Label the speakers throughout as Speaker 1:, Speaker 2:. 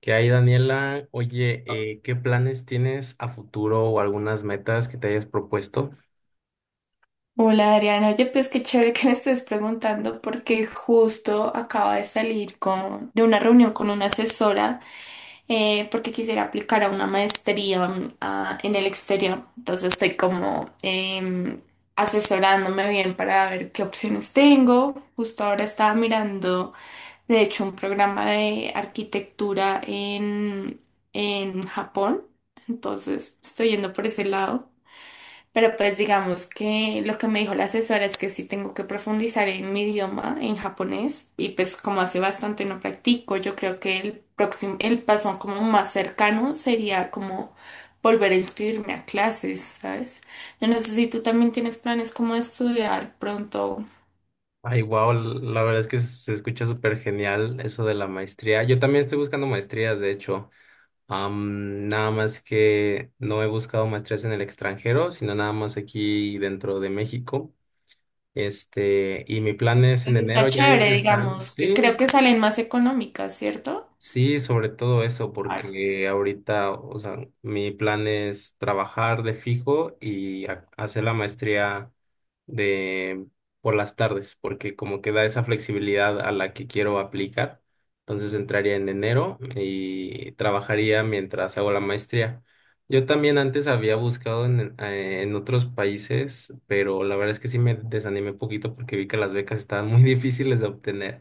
Speaker 1: ¿Qué hay, Daniela? Oye, ¿qué planes tienes a futuro o algunas metas que te hayas propuesto?
Speaker 2: Hola Adriana, oye, pues qué chévere que me estés preguntando porque justo acaba de salir de una reunión con una asesora porque quisiera aplicar a una maestría en el exterior. Entonces estoy como asesorándome bien para ver qué opciones tengo. Justo ahora estaba mirando, de hecho, un programa de arquitectura en Japón. Entonces estoy yendo por ese lado. Pero pues digamos que lo que me dijo la asesora es que sí tengo que profundizar en mi idioma, en japonés, y pues como hace bastante no practico, yo creo que el próximo, el paso como más cercano sería como volver a inscribirme a clases, ¿sabes? Yo no sé si tú también tienes planes como de estudiar pronto.
Speaker 1: Ay, wow, la verdad es que se escucha súper genial eso de la maestría. Yo también estoy buscando maestrías, de hecho. Nada más que no he buscado maestrías en el extranjero, sino nada más aquí dentro de México. Este, y mi plan es
Speaker 2: Pues
Speaker 1: en
Speaker 2: está
Speaker 1: enero ya
Speaker 2: chévere,
Speaker 1: ingresar.
Speaker 2: digamos, que
Speaker 1: Sí,
Speaker 2: creo que salen más económicas, ¿cierto?
Speaker 1: sí, sobre todo eso,
Speaker 2: Claro.
Speaker 1: porque ahorita, o sea, mi plan es trabajar de fijo y hacer la maestría de por las tardes, porque como que da esa flexibilidad a la que quiero aplicar. Entonces entraría en enero y trabajaría mientras hago la maestría. Yo también antes había buscado en otros países, pero la verdad es que sí me desanimé un poquito porque vi que las becas estaban muy difíciles de obtener,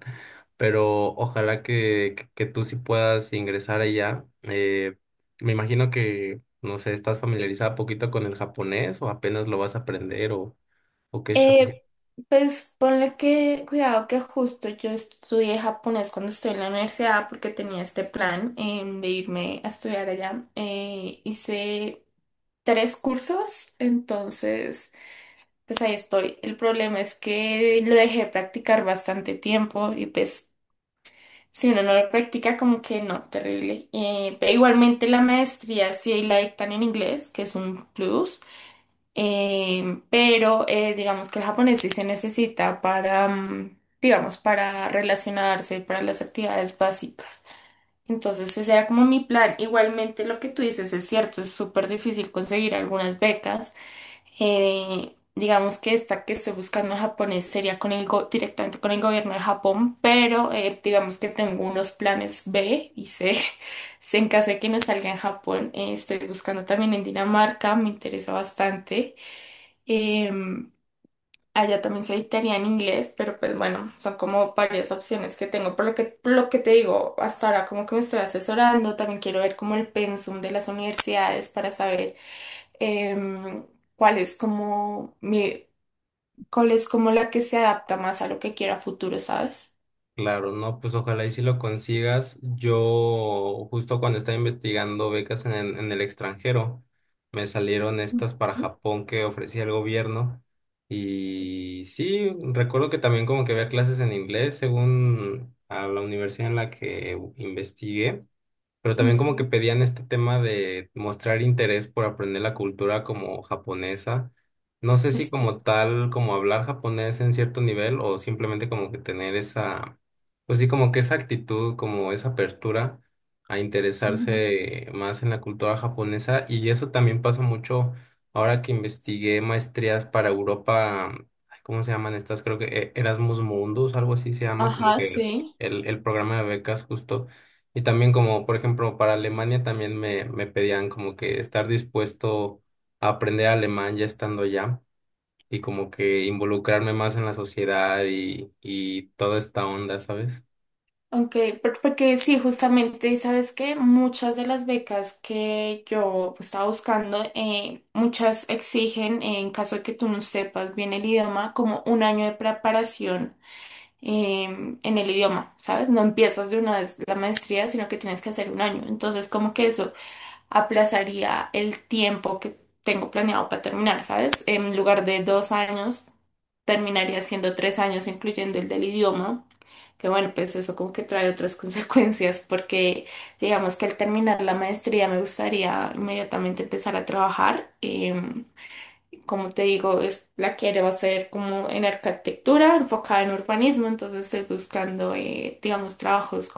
Speaker 1: pero ojalá que tú sí puedas ingresar allá. Me imagino que, no sé, estás familiarizada poquito con el japonés o apenas lo vas a aprender o qué show.
Speaker 2: Eh, Pues ponle que, cuidado que justo yo estudié japonés cuando estuve en la universidad porque tenía este plan de irme a estudiar allá. Hice tres cursos, entonces pues ahí estoy. El problema es que lo dejé practicar bastante tiempo y pues si uno no lo practica como que no, terrible. Pero igualmente la maestría sí la dictan en inglés, que es un plus. Digamos que el japonés sí se necesita para, digamos, para relacionarse, para las actividades básicas. Entonces ese era como mi plan. Igualmente lo que tú dices es cierto, es súper difícil conseguir algunas becas. Digamos que esta que estoy buscando en japonés sería con el directamente con el gobierno de Japón, pero digamos que tengo unos planes B y C. Si En caso de que no salga en Japón, estoy buscando también en Dinamarca, me interesa bastante. Em, allá también se dictaría en inglés, pero pues bueno, son como varias opciones que tengo. Por lo que te digo, hasta ahora como que me estoy asesorando, también quiero ver como el pensum de las universidades para saber em, cuál es como mi, cuál es como la que se adapta más a lo que quiero a futuro, ¿sabes?
Speaker 1: Claro, no, pues ojalá y si lo consigas. Yo justo cuando estaba investigando becas en, en el extranjero, me salieron estas para
Speaker 2: Ujú.
Speaker 1: Japón que ofrecía el gobierno. Y sí, recuerdo que también como que había clases en inglés según a la universidad en la que investigué. Pero también como que
Speaker 2: Ujú.
Speaker 1: pedían este tema de mostrar interés por aprender la cultura como japonesa. No sé si
Speaker 2: Es-
Speaker 1: como tal, como hablar japonés en cierto nivel o simplemente como que tener esa, pues sí, como que esa actitud, como esa apertura a
Speaker 2: ujú.
Speaker 1: interesarse más en la cultura japonesa. Y eso también pasa mucho ahora que investigué maestrías para Europa. Ay, ¿cómo se llaman estas? Creo que Erasmus Mundus, algo así se llama, como
Speaker 2: Ajá,
Speaker 1: que
Speaker 2: sí.
Speaker 1: el programa de becas justo. Y también como, por ejemplo, para Alemania también me pedían como que estar dispuesto a aprender alemán ya estando allá y como que involucrarme más en la sociedad y toda esta onda, ¿sabes?
Speaker 2: Ok, porque sí, justamente, ¿sabes que muchas de las becas que yo pues, estaba buscando, muchas exigen, en caso de que tú no sepas bien el idioma, como un año de preparación eh, en el idioma, ¿sabes? No empiezas de una vez la maestría, sino que tienes que hacer un año. Entonces, como que eso aplazaría el tiempo que tengo planeado para terminar, ¿sabes? En lugar de 2 años terminaría siendo 3 años, incluyendo el del idioma, que bueno, pues eso como que trae otras consecuencias, porque digamos que al terminar la maestría me gustaría inmediatamente empezar a trabajar. Como te digo, es, la quiero hacer como en arquitectura, enfocada en urbanismo, entonces estoy buscando, digamos, trabajos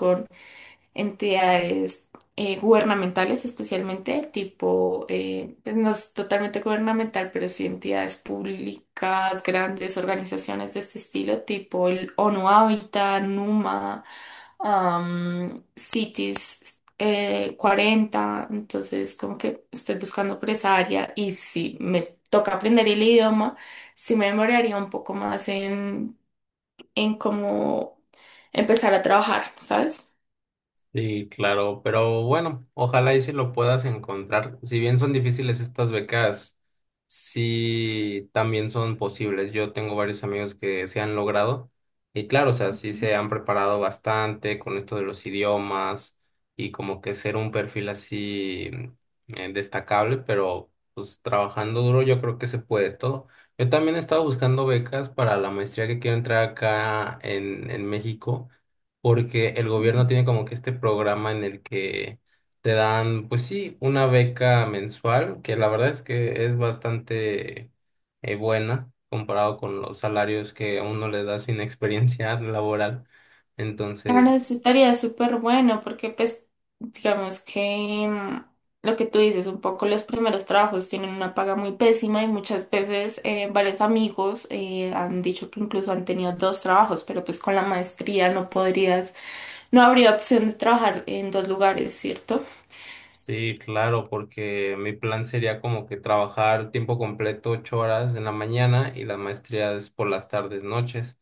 Speaker 2: entidades gubernamentales especialmente, tipo, pues no es totalmente gubernamental, pero sí entidades públicas, grandes organizaciones de este estilo, tipo el ONU Habitat, NUMA, CITES 40, entonces como que estoy buscando por esa área y si me toca aprender el idioma, sí me demoraría un poco más en, cómo empezar a trabajar, ¿sabes?
Speaker 1: Sí, claro, pero bueno, ojalá y si lo puedas encontrar. Si bien son difíciles estas becas, sí también son posibles. Yo tengo varios amigos que se han logrado y claro, o sea, sí se han preparado bastante con esto de los idiomas y como que ser un perfil así destacable, pero pues trabajando duro yo creo que se puede todo. Yo también estaba buscando becas para la maestría que quiero entrar acá en México porque el gobierno tiene como que este programa en el que te dan, pues sí, una beca mensual, que la verdad es que es bastante buena comparado con los salarios que a uno le da sin experiencia laboral.
Speaker 2: Claro,
Speaker 1: Entonces,
Speaker 2: eso estaría súper bueno porque pues digamos que lo que tú dices, un poco los primeros trabajos tienen una paga muy pésima y muchas veces varios amigos han dicho que incluso han tenido dos trabajos, pero pues con la maestría no podrías, no habría opción de trabajar en dos lugares, ¿cierto?
Speaker 1: sí, claro, porque mi plan sería como que trabajar tiempo completo, 8 horas en la mañana y la maestría es por las tardes, noches.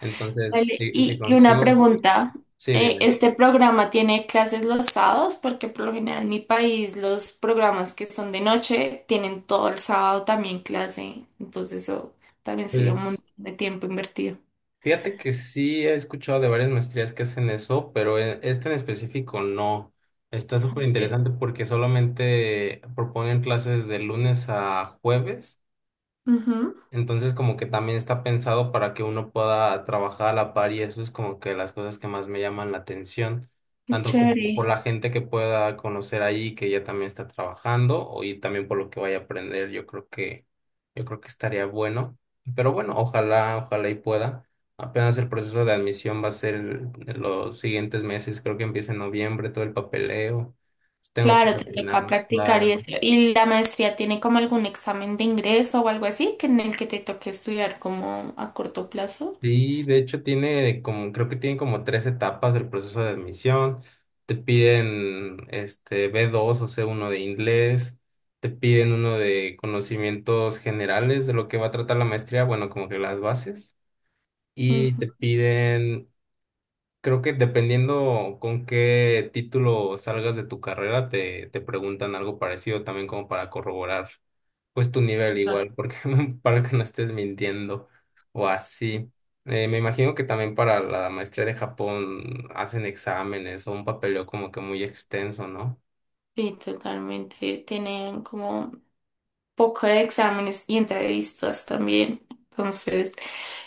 Speaker 1: Entonces,
Speaker 2: Vale,
Speaker 1: si
Speaker 2: y una
Speaker 1: consigo, ¿no?
Speaker 2: pregunta.
Speaker 1: Sí,
Speaker 2: eh,
Speaker 1: dime.
Speaker 2: ¿este programa tiene clases los sábados? Porque por lo general en mi país los programas que son de noche tienen todo el sábado también clase. Entonces eso también sería un
Speaker 1: Pues
Speaker 2: montón de tiempo invertido.
Speaker 1: fíjate que sí he escuchado de varias maestrías que hacen eso, pero esta en específico no. Está súper
Speaker 2: Sí.
Speaker 1: interesante porque solamente proponen clases de lunes a jueves.
Speaker 2: Ujú.
Speaker 1: Entonces como que también está pensado para que uno pueda trabajar a la par y eso es como que las cosas que más me llaman la atención,
Speaker 2: Qué
Speaker 1: tanto como por
Speaker 2: chévere.
Speaker 1: la gente que pueda conocer ahí que ya también está trabajando y también por lo que vaya a aprender, yo creo que estaría bueno. Pero bueno, ojalá, ojalá y pueda. Apenas el proceso de admisión va a ser en los siguientes meses, creo que empieza en noviembre todo el papeleo. Pues tengo que
Speaker 2: Claro, te toca
Speaker 1: terminar.
Speaker 2: practicar y eso. ¿Y la maestría tiene como algún examen de ingreso o algo así que en el que te toque estudiar como a corto plazo?
Speaker 1: Sí, de hecho tiene como, creo que tiene como tres etapas del proceso de admisión. Te piden este B2 o C1 de inglés, te piden uno de conocimientos generales de lo que va a tratar la maestría, bueno, como que las bases, y
Speaker 2: Ujú.
Speaker 1: te piden, creo que dependiendo con qué título salgas de tu carrera, te preguntan algo parecido también como para corroborar pues tu nivel
Speaker 2: Claro.
Speaker 1: igual, porque para que no estés mintiendo o así. Me imagino que también para la maestría de Japón hacen exámenes o un papeleo como que muy extenso, ¿no?
Speaker 2: Sí, totalmente. Tienen como poco de exámenes y entrevistas también. Entonces,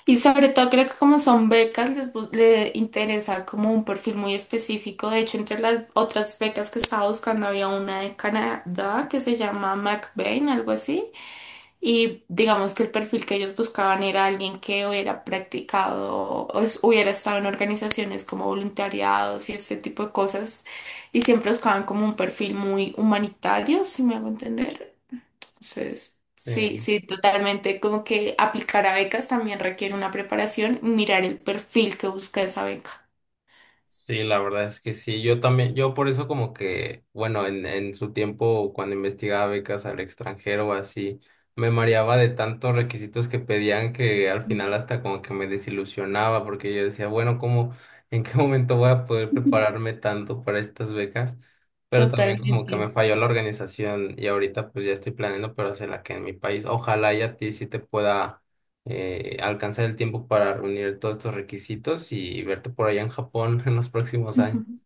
Speaker 2: y sobre todo creo que como son becas, le interesa como un perfil muy específico. De hecho, entre las otras becas que estaba buscando había una de Canadá que se llama McBain, algo así. Y digamos que el perfil que ellos buscaban era alguien que hubiera practicado, hubiera estado en organizaciones como voluntariados y este tipo de cosas. Y siempre buscaban como un perfil muy humanitario, si me hago entender. Entonces, sí,
Speaker 1: Sí.
Speaker 2: sí, totalmente. Como que aplicar a becas también requiere una preparación, mirar el perfil que busca esa beca.
Speaker 1: Sí, la verdad es que sí. Yo también, yo por eso como que, bueno, en su tiempo cuando investigaba becas al extranjero o así, me mareaba de tantos requisitos que pedían que al final hasta como que me desilusionaba porque yo decía, bueno, ¿cómo, en qué momento voy a poder prepararme tanto para estas becas? Pero también como que
Speaker 2: Totalmente.
Speaker 1: me falló la organización y ahorita pues ya estoy planeando, pero hacerla que en mi país. Ojalá y a ti sí te pueda alcanzar el tiempo para reunir todos estos requisitos y verte por allá en Japón en los próximos años.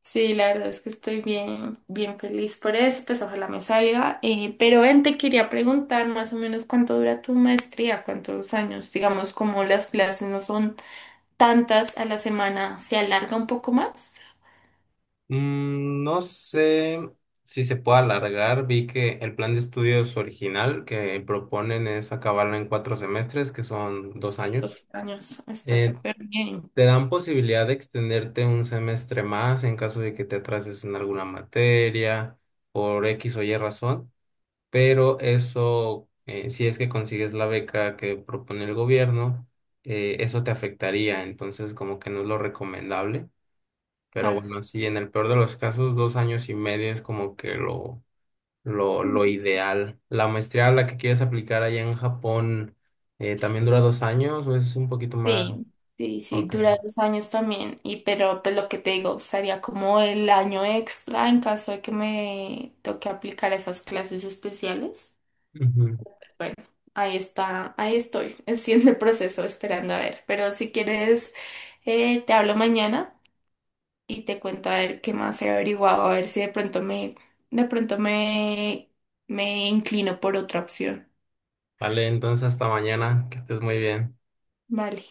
Speaker 2: Sí, la verdad es que estoy bien, bien feliz por eso, pues ojalá me salga. Pero ven, te quería preguntar más o menos cuánto dura tu maestría, cuántos años, digamos, como las clases no son tantas a la semana, ¿se alarga un poco más?
Speaker 1: Mm, no sé si se puede alargar. Vi que el plan de estudios original que proponen es acabarlo en 4 semestres, que son 2 años.
Speaker 2: Dos años, está
Speaker 1: Eh,
Speaker 2: súper bien,
Speaker 1: te dan posibilidad de extenderte un semestre más en caso de que te atrases en alguna materia por X o Y razón. Pero eso, si es que consigues la beca que propone el gobierno, eso te afectaría, entonces como que no es lo recomendable, pero
Speaker 2: claro.
Speaker 1: bueno, sí, en el peor de los casos, 2 años y medio es como que lo, ideal. La maestría a la que quieres aplicar allá en Japón, ¿también dura 2 años o es un poquito más?
Speaker 2: Sí, sí, sí,
Speaker 1: Ok.
Speaker 2: dura 2 años también. Y pero pues lo que te digo, sería como el año extra en caso de que me toque aplicar esas clases especiales.
Speaker 1: Ujú.
Speaker 2: Bueno, ahí está, ahí estoy, haciendo el proceso, esperando a ver. Pero si quieres, te hablo mañana y te cuento a ver qué más he averiguado, a ver si de pronto me, me inclino por otra opción.
Speaker 1: Vale, entonces hasta mañana, que estés muy bien.
Speaker 2: Vale.